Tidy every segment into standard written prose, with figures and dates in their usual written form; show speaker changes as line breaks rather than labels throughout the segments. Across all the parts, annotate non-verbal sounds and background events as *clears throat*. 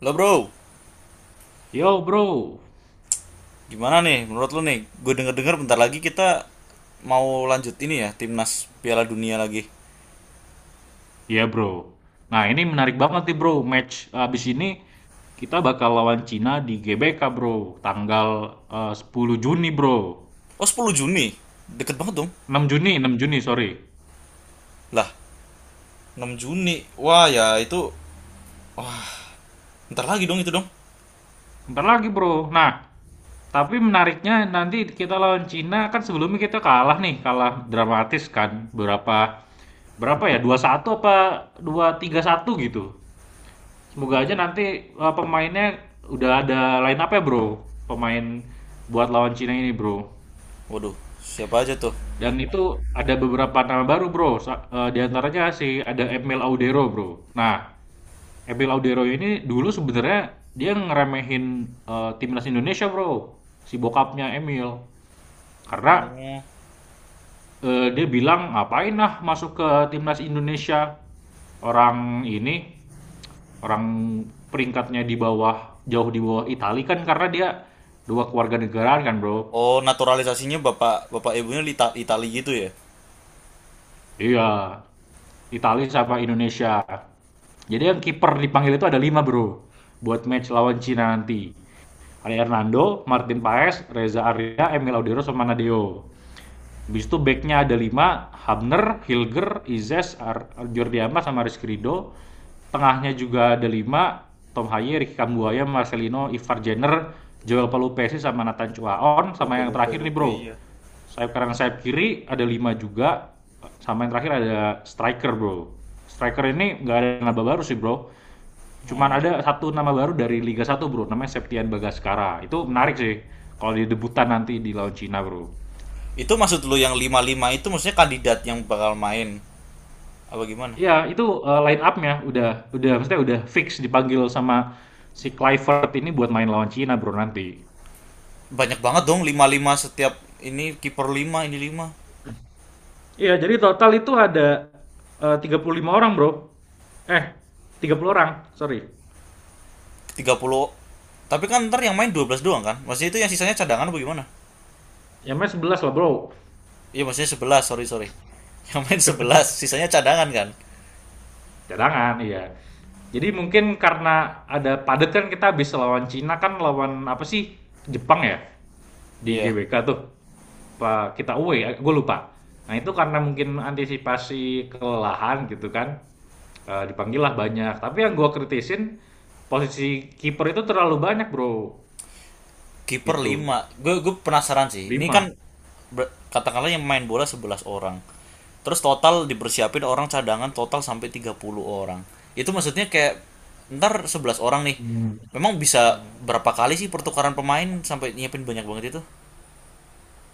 Lo bro,
Yo bro,
gimana nih menurut lo nih? Gue denger-denger bentar lagi kita mau lanjut ini ya, timnas Piala Dunia lagi.
ya bro. Nah ini menarik banget nih bro, match abis ini kita bakal lawan Cina di GBK bro, tanggal 10 Juni bro.
Oh 10 Juni, deket banget dong.
6 Juni, 6 Juni sorry.
Lah, 6 Juni. Wah ya itu, bentar lagi dong itu dong.
Ntar lagi bro. Nah, tapi menariknya nanti kita lawan Cina kan sebelumnya kita kalah nih, kalah dramatis kan. Berapa ya, dua satu apa dua tiga satu gitu. Semoga aja
Oke.
nanti pemainnya udah ada line up ya bro, pemain buat lawan Cina ini bro.
Waduh, siapa aja tuh?
Dan itu ada beberapa nama baru bro, di antaranya si ada Emil Audero bro. Nah, Emil Audero ini dulu sebenarnya dia ngeremehin timnas Indonesia bro, si bokapnya Emil. Karena
Oh,
dia bilang ngapain lah masuk ke timnas Indonesia, orang ini orang peringkatnya di bawah, jauh di bawah Italia kan, karena dia dua keluarga negaraan kan bro.
oh, naturalisasinya bapak bapak ibunya Lita, Itali gitu ya?
Iya, Italia sama Indonesia. Jadi yang kiper dipanggil itu ada lima bro, buat match lawan Cina nanti ada Hernando, Martin Paes, Reza Arya, Emil Audero sama Nadeo. Habis itu backnya ada lima: Hamner, Hilger, Izes, Jordi Amat sama Rizky Ridho. Tengahnya juga ada lima: Tom Haye, Ricky Kambuaya, Marcelino, Ivar Jenner, Joel Palupesi sama Nathan Chuaon. Sama
Lupe
yang
lupe
terakhir nih
lupe,
bro,
iya.
sayap kanan sayap kiri ada 5 juga. Sama yang terakhir ada striker bro. Striker ini nggak ada nama baru sih bro. Cuman
Oh.
ada satu nama baru dari Liga Satu bro, namanya Septian Bagaskara. Itu menarik sih kalau dia debutan nanti di lawan Cina bro.
Itu maksud lo yang lima lima itu maksudnya kandidat yang bakal main apa gimana?
Iya, itu, line up-nya udah maksudnya udah fix dipanggil sama si Kluivert ini buat main lawan Cina, Bro, nanti.
Banyak banget dong lima lima setiap ini, kiper lima, ini 5.
Iya, jadi total itu ada, 35 orang, Bro. Eh, 30 orang, sorry.
30, tapi kan ntar yang main 12 doang kan, maksudnya itu yang sisanya cadangan apa gimana?
Ya main 11 lah, Bro.
Iya, maksudnya 11, sorry sorry, *laughs* yang main 11, sisanya cadangan kan.
Cadangan, iya. Jadi mungkin karena ada padat kan, kita habis lawan Cina kan lawan apa sih, Jepang ya? Di
Iya.
GWK tuh. Apa kita away ya? Gue lupa. Nah, itu karena mungkin antisipasi kelelahan gitu kan. Dipanggil lah banyak, tapi yang gua kritisin, posisi kiper itu terlalu banyak Bro,
Kiper
gitu,
lima. Gue penasaran sih ini, kan?
5.
Katakanlah yang main bola 11 orang, terus total dipersiapin orang cadangan total sampai 30 orang. Itu maksudnya kayak ntar 11 orang nih
Mmm.
memang bisa berapa kali sih pertukaran pemain sampai nyiapin banyak banget itu?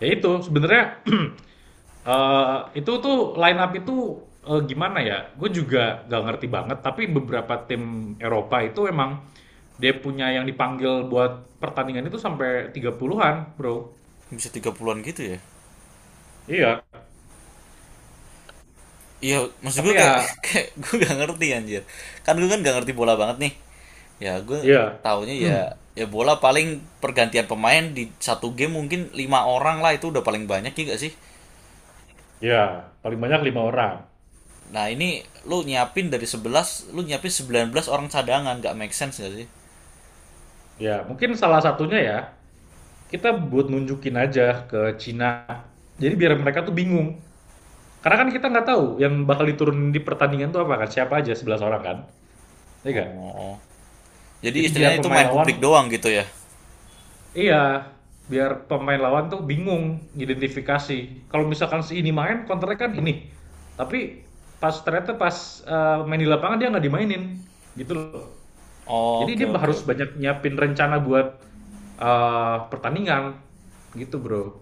Ya itu, sebenarnya, *clears throat* itu tuh line up itu, gimana ya, gue juga gak ngerti banget, tapi beberapa tim Eropa itu emang dia punya yang dipanggil buat pertandingan itu sampai 30-an Bro.
Bisa 30-an gitu ya?
Iya,
Iya, maksud
tapi
gue kayak
ya,
*laughs* kayak gue gak ngerti anjir. Kan gue kan gak ngerti bola banget nih. Ya gue
iya,
taunya ya, ya bola paling pergantian pemain di satu game mungkin lima orang lah, itu udah paling banyak, ya gak sih?
iya, paling banyak 5 orang.
Nah ini, lu nyiapin dari 11, lu nyiapin 19 orang cadangan. Gak make sense gak sih?
Ya, mungkin salah satunya ya, kita buat nunjukin aja ke Cina. Jadi biar mereka tuh bingung. Karena kan kita nggak tahu yang bakal diturunin di pertandingan tuh apa kan, siapa aja 11 orang kan, iya nggak?
Oh. Jadi
Jadi biar
istilahnya itu
pemain
main
lawan,
publik doang gitu ya.
iya, biar pemain lawan tuh bingung identifikasi. Kalau misalkan si ini main, counternya kan ini. Tapi pas ternyata, pas main di lapangan dia nggak dimainin, gitu loh. Jadi
Oke
dia
oke
harus
oke.
banyak nyiapin rencana buat pertandingan, gitu bro.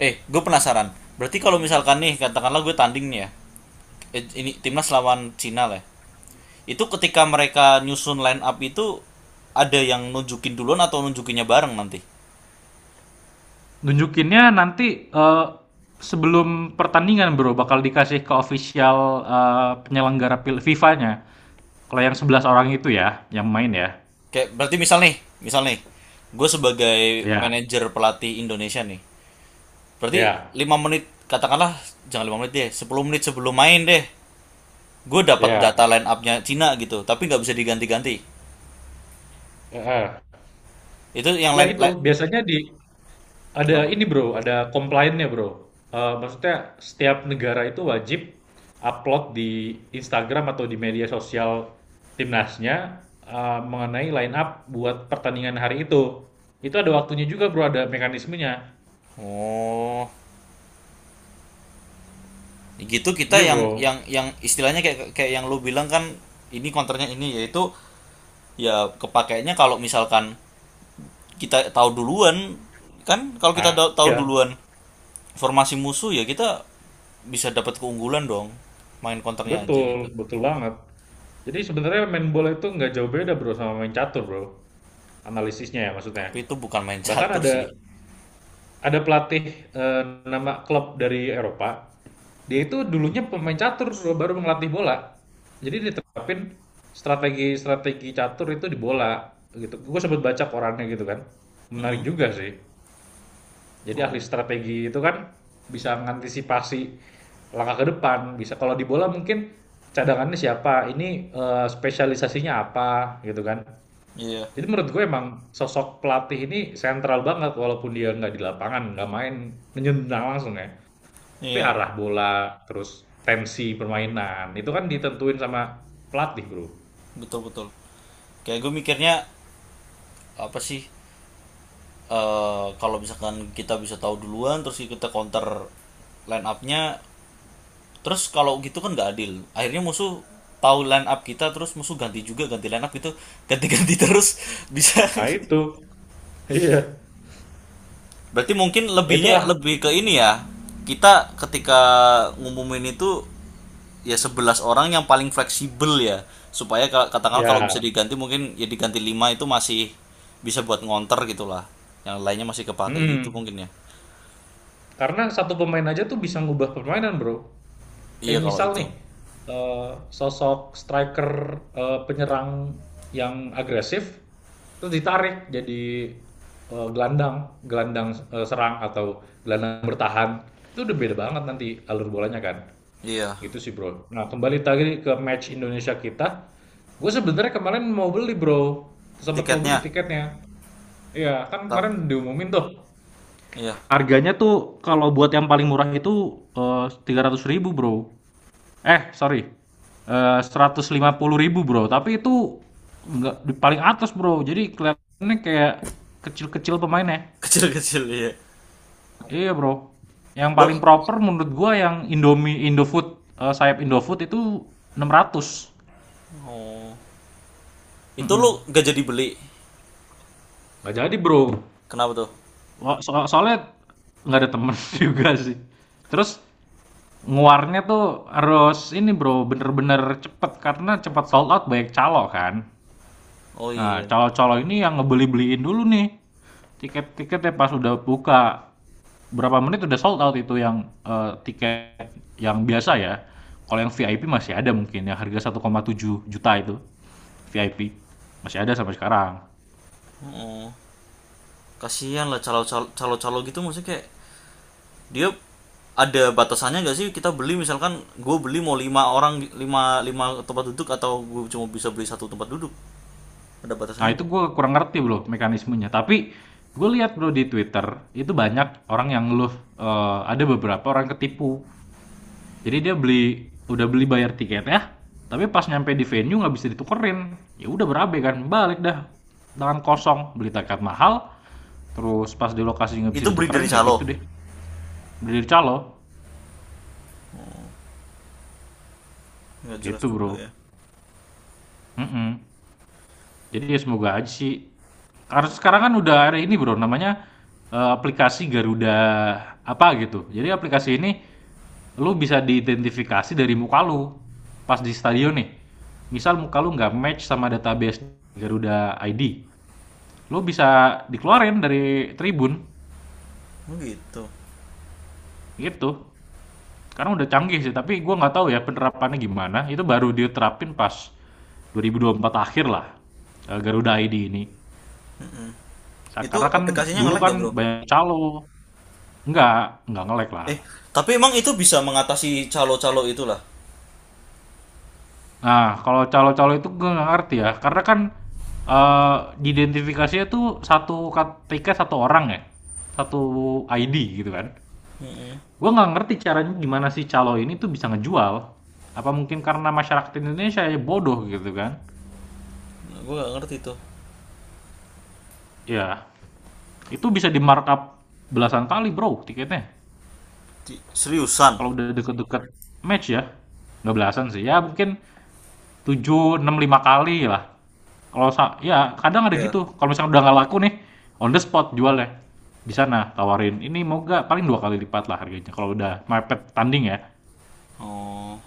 Eh, gue penasaran. Berarti kalau misalkan nih, katakanlah gue tanding nih ya. Eh, ini timnas lawan Cina lah, ya. Itu ketika mereka nyusun line up itu ada yang nunjukin duluan atau nunjukinnya bareng nanti?
Nunjukinnya nanti, eee, sebelum pertandingan Bro, bakal dikasih ke official, eee, penyelenggara pil FIFA-nya. Kalau yang 11 orang itu ya, yang main ya.
Kayak berarti misal nih, gue sebagai
Ya,
manajer pelatih Indonesia nih. Berarti
ya,
5 menit, katakanlah jangan 5 menit deh, 10 menit sebelum main deh. Gue dapat data
ya,
line up-nya Cina gitu, tapi nggak bisa diganti-ganti.
heeh.
Itu yang
Iya
line,
itu,
line
biasanya di ada
Kenapa?
ini Bro, ada complainnya Bro. Maksudnya setiap negara itu wajib upload di Instagram atau di media sosial timnasnya, mengenai line up buat pertandingan hari itu. Itu ada waktunya juga Bro, ada mekanismenya.
Oh, gitu. Kita
Iya
yang
bro.
yang yang istilahnya kayak kayak yang lu bilang kan, ini konternya ini, yaitu ya kepakainya kalau misalkan kita tahu duluan, kan kalau kita
Ah,
tahu
iya,
duluan formasi musuh ya, kita bisa dapat keunggulan dong, main konternya aja
betul,
gitu.
betul banget. Jadi sebenarnya main bola itu nggak jauh beda bro sama main catur bro, analisisnya ya maksudnya.
Tapi itu bukan main
Bahkan
catur
ada
sih.
ada pelatih eh, nama klub dari Eropa, dia itu dulunya pemain catur bro, baru ngelatih bola. Jadi diterapin strategi-strategi catur itu di bola gitu. Gue sempat baca korannya gitu kan, menarik
Mm-mm.
juga sih. Jadi ahli
Oh.
strategi itu kan bisa mengantisipasi langkah ke depan. Bisa kalau di bola mungkin cadangannya siapa, ini spesialisasinya apa gitu kan.
Iya,
Jadi menurut gue emang sosok pelatih ini sentral banget walaupun dia nggak di lapangan, nggak main nendang langsung ya. Tapi
iya,
arah bola, terus tensi permainan itu kan ditentuin sama pelatih bro.
betul betul. Kayak gue mikirnya apa sih? Eh kalau misalkan kita bisa tahu duluan, terus kita counter line up-nya, terus kalau gitu kan nggak adil. Akhirnya musuh tahu line up kita, terus musuh ganti juga, ganti line up gitu, ganti-ganti *laughs* terus bisa.
Nah itu, *laughs* iya.
Berarti mungkin
Ya,
lebihnya
itulah
lebih ke ini ya. Kita ketika ngumumin itu ya 11 orang yang paling fleksibel ya. Supaya katakanlah kalau bisa
ya.
diganti mungkin ya diganti 5 itu masih bisa buat ngonter gitulah. Yang lainnya masih kepake gitu
Hmm.
mungkin ya.
Karena satu pemain aja tuh bisa ngubah permainan bro.
Iya
Kayak
kalau
misal
itu.
nih, eh, sosok striker penyerang yang agresif, terus ditarik jadi gelandang, gelandang serang atau gelandang bertahan, itu udah beda banget nanti alur bolanya kan.
Iya.
Gitu sih bro. Nah kembali tadi ke match Indonesia kita, gue sebenarnya kemarin mau beli bro, sempat mau beli
Tiketnya.
tiketnya. Iya, kan
tap
kemarin diumumin tuh.
iya.
Harganya tuh kalau buat yang paling murah itu 300 ribu bro. Sorry, eee, ribu Bro, tapi itu nggak di paling atas Bro, jadi kelihatannya kayak kecil-kecil pemainnya.
*laughs* Kecil-kecil iya.
Iya Bro, yang
Lu
paling proper menurut gua yang Indomie Indofood, sayap Indofood itu 600.
oh, itu
Mhm.
lu gak jadi beli.
Nggak jadi Bro,
Kenapa tuh?
wa so soalnya nggak ada temen *laughs* juga sih. Terus nguarnya tuh harus ini Bro, bener-bener cepet, karena cepet sold out banyak calo kan.
Oh iya.
Nah, calo-calo ini yang ngebeli-beliin dulu nih. Tiket-tiketnya pas udah buka. Berapa menit udah sold out itu yang tiket yang biasa ya. Kalau yang VIP masih ada mungkin yang harga 1,7 juta itu. VIP masih ada sampai sekarang.
Oh, kasihan lah calo-calo gitu, maksudnya kayak dia ada batasannya nggak sih? Kita beli, misalkan gue beli mau lima orang, lima lima tempat duduk, atau gue cuma bisa beli satu tempat duduk? Ada
Nah,
batasannya
itu
nggak?
gue kurang ngerti bro mekanismenya. Tapi gue lihat bro di Twitter itu banyak orang yang ngeluh, ada beberapa orang ketipu, jadi dia beli bayar tiket ya, tapi pas nyampe di venue nggak bisa ditukerin, ya udah berabe kan, balik dah tangan kosong beli tiket mahal. Terus pas di lokasi nggak bisa
Itu beli
ditukerin,
dari
ya gitu
calo,
deh, beli dari calo
nggak jelas
gitu
juga
bro.
ya.
Mm-mm. Jadi ya semoga aja sih. Karena sekarang kan udah ada ini bro, namanya aplikasi Garuda apa gitu. Jadi aplikasi ini lu bisa diidentifikasi dari muka lu pas di stadion nih. Misal muka lu nggak match sama database Garuda ID, lu bisa dikeluarin dari tribun
Oh, gitu.
gitu. Karena udah canggih sih, tapi gue nggak tahu ya penerapannya gimana. Itu baru diterapin pas 2024 akhir lah, Garuda ID ini. Nah,
Itu
karena kan
aplikasinya
dulu
nge-lag
kan
gak bro?
banyak calo. Enggak, enggak nge-lag lah.
Eh tapi emang itu bisa mengatasi calo-calo itulah?
Nah, kalau calo-calo itu gue nggak ngerti ya. Karena kan eh diidentifikasinya tuh satu KTK satu orang ya. Satu ID gitu kan.
mm
Gue nggak ngerti caranya gimana sih calo ini tuh bisa ngejual. Apa mungkin karena masyarakat Indonesia ya bodoh gitu kan.
gue gak ngerti itu.
Ya, itu bisa di markup belasan kali bro tiketnya.
Seriusan?
Kalau udah deket-deket match ya. Nggak belasan sih. Ya mungkin 7 6 5 kali lah. Kalau sa ya kadang ada
Iya.
gitu. Kalau misalkan udah nggak laku nih, on the spot jualnya. Di sana tawarin, ini mau nggak? Paling dua kali lipat lah harganya. Kalau udah mepet tanding ya.
Oh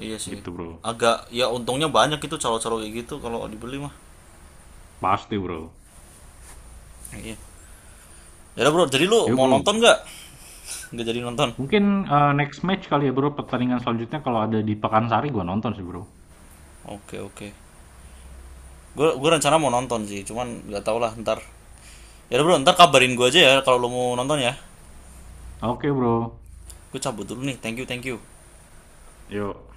iya sih.
Gitu bro.
Agak ya, untungnya banyak itu calo-calo kayak gitu kalau dibeli mah.
Pasti bro.
Iya. Ya bro, jadi lu
Yo
mau
bro.
nonton nggak? Nggak jadi nonton.
Mungkin next match kali ya bro. Pertandingan selanjutnya kalau ada di Pekansari gua nonton sih bro.
Oke oke. Gue rencana mau nonton sih, cuman nggak tau lah ntar. Ya udah bro, ntar kabarin gue aja ya kalau lo mau nonton ya.
Oke bro.
Gue cabut dulu nih. Thank you thank you.
Yuk.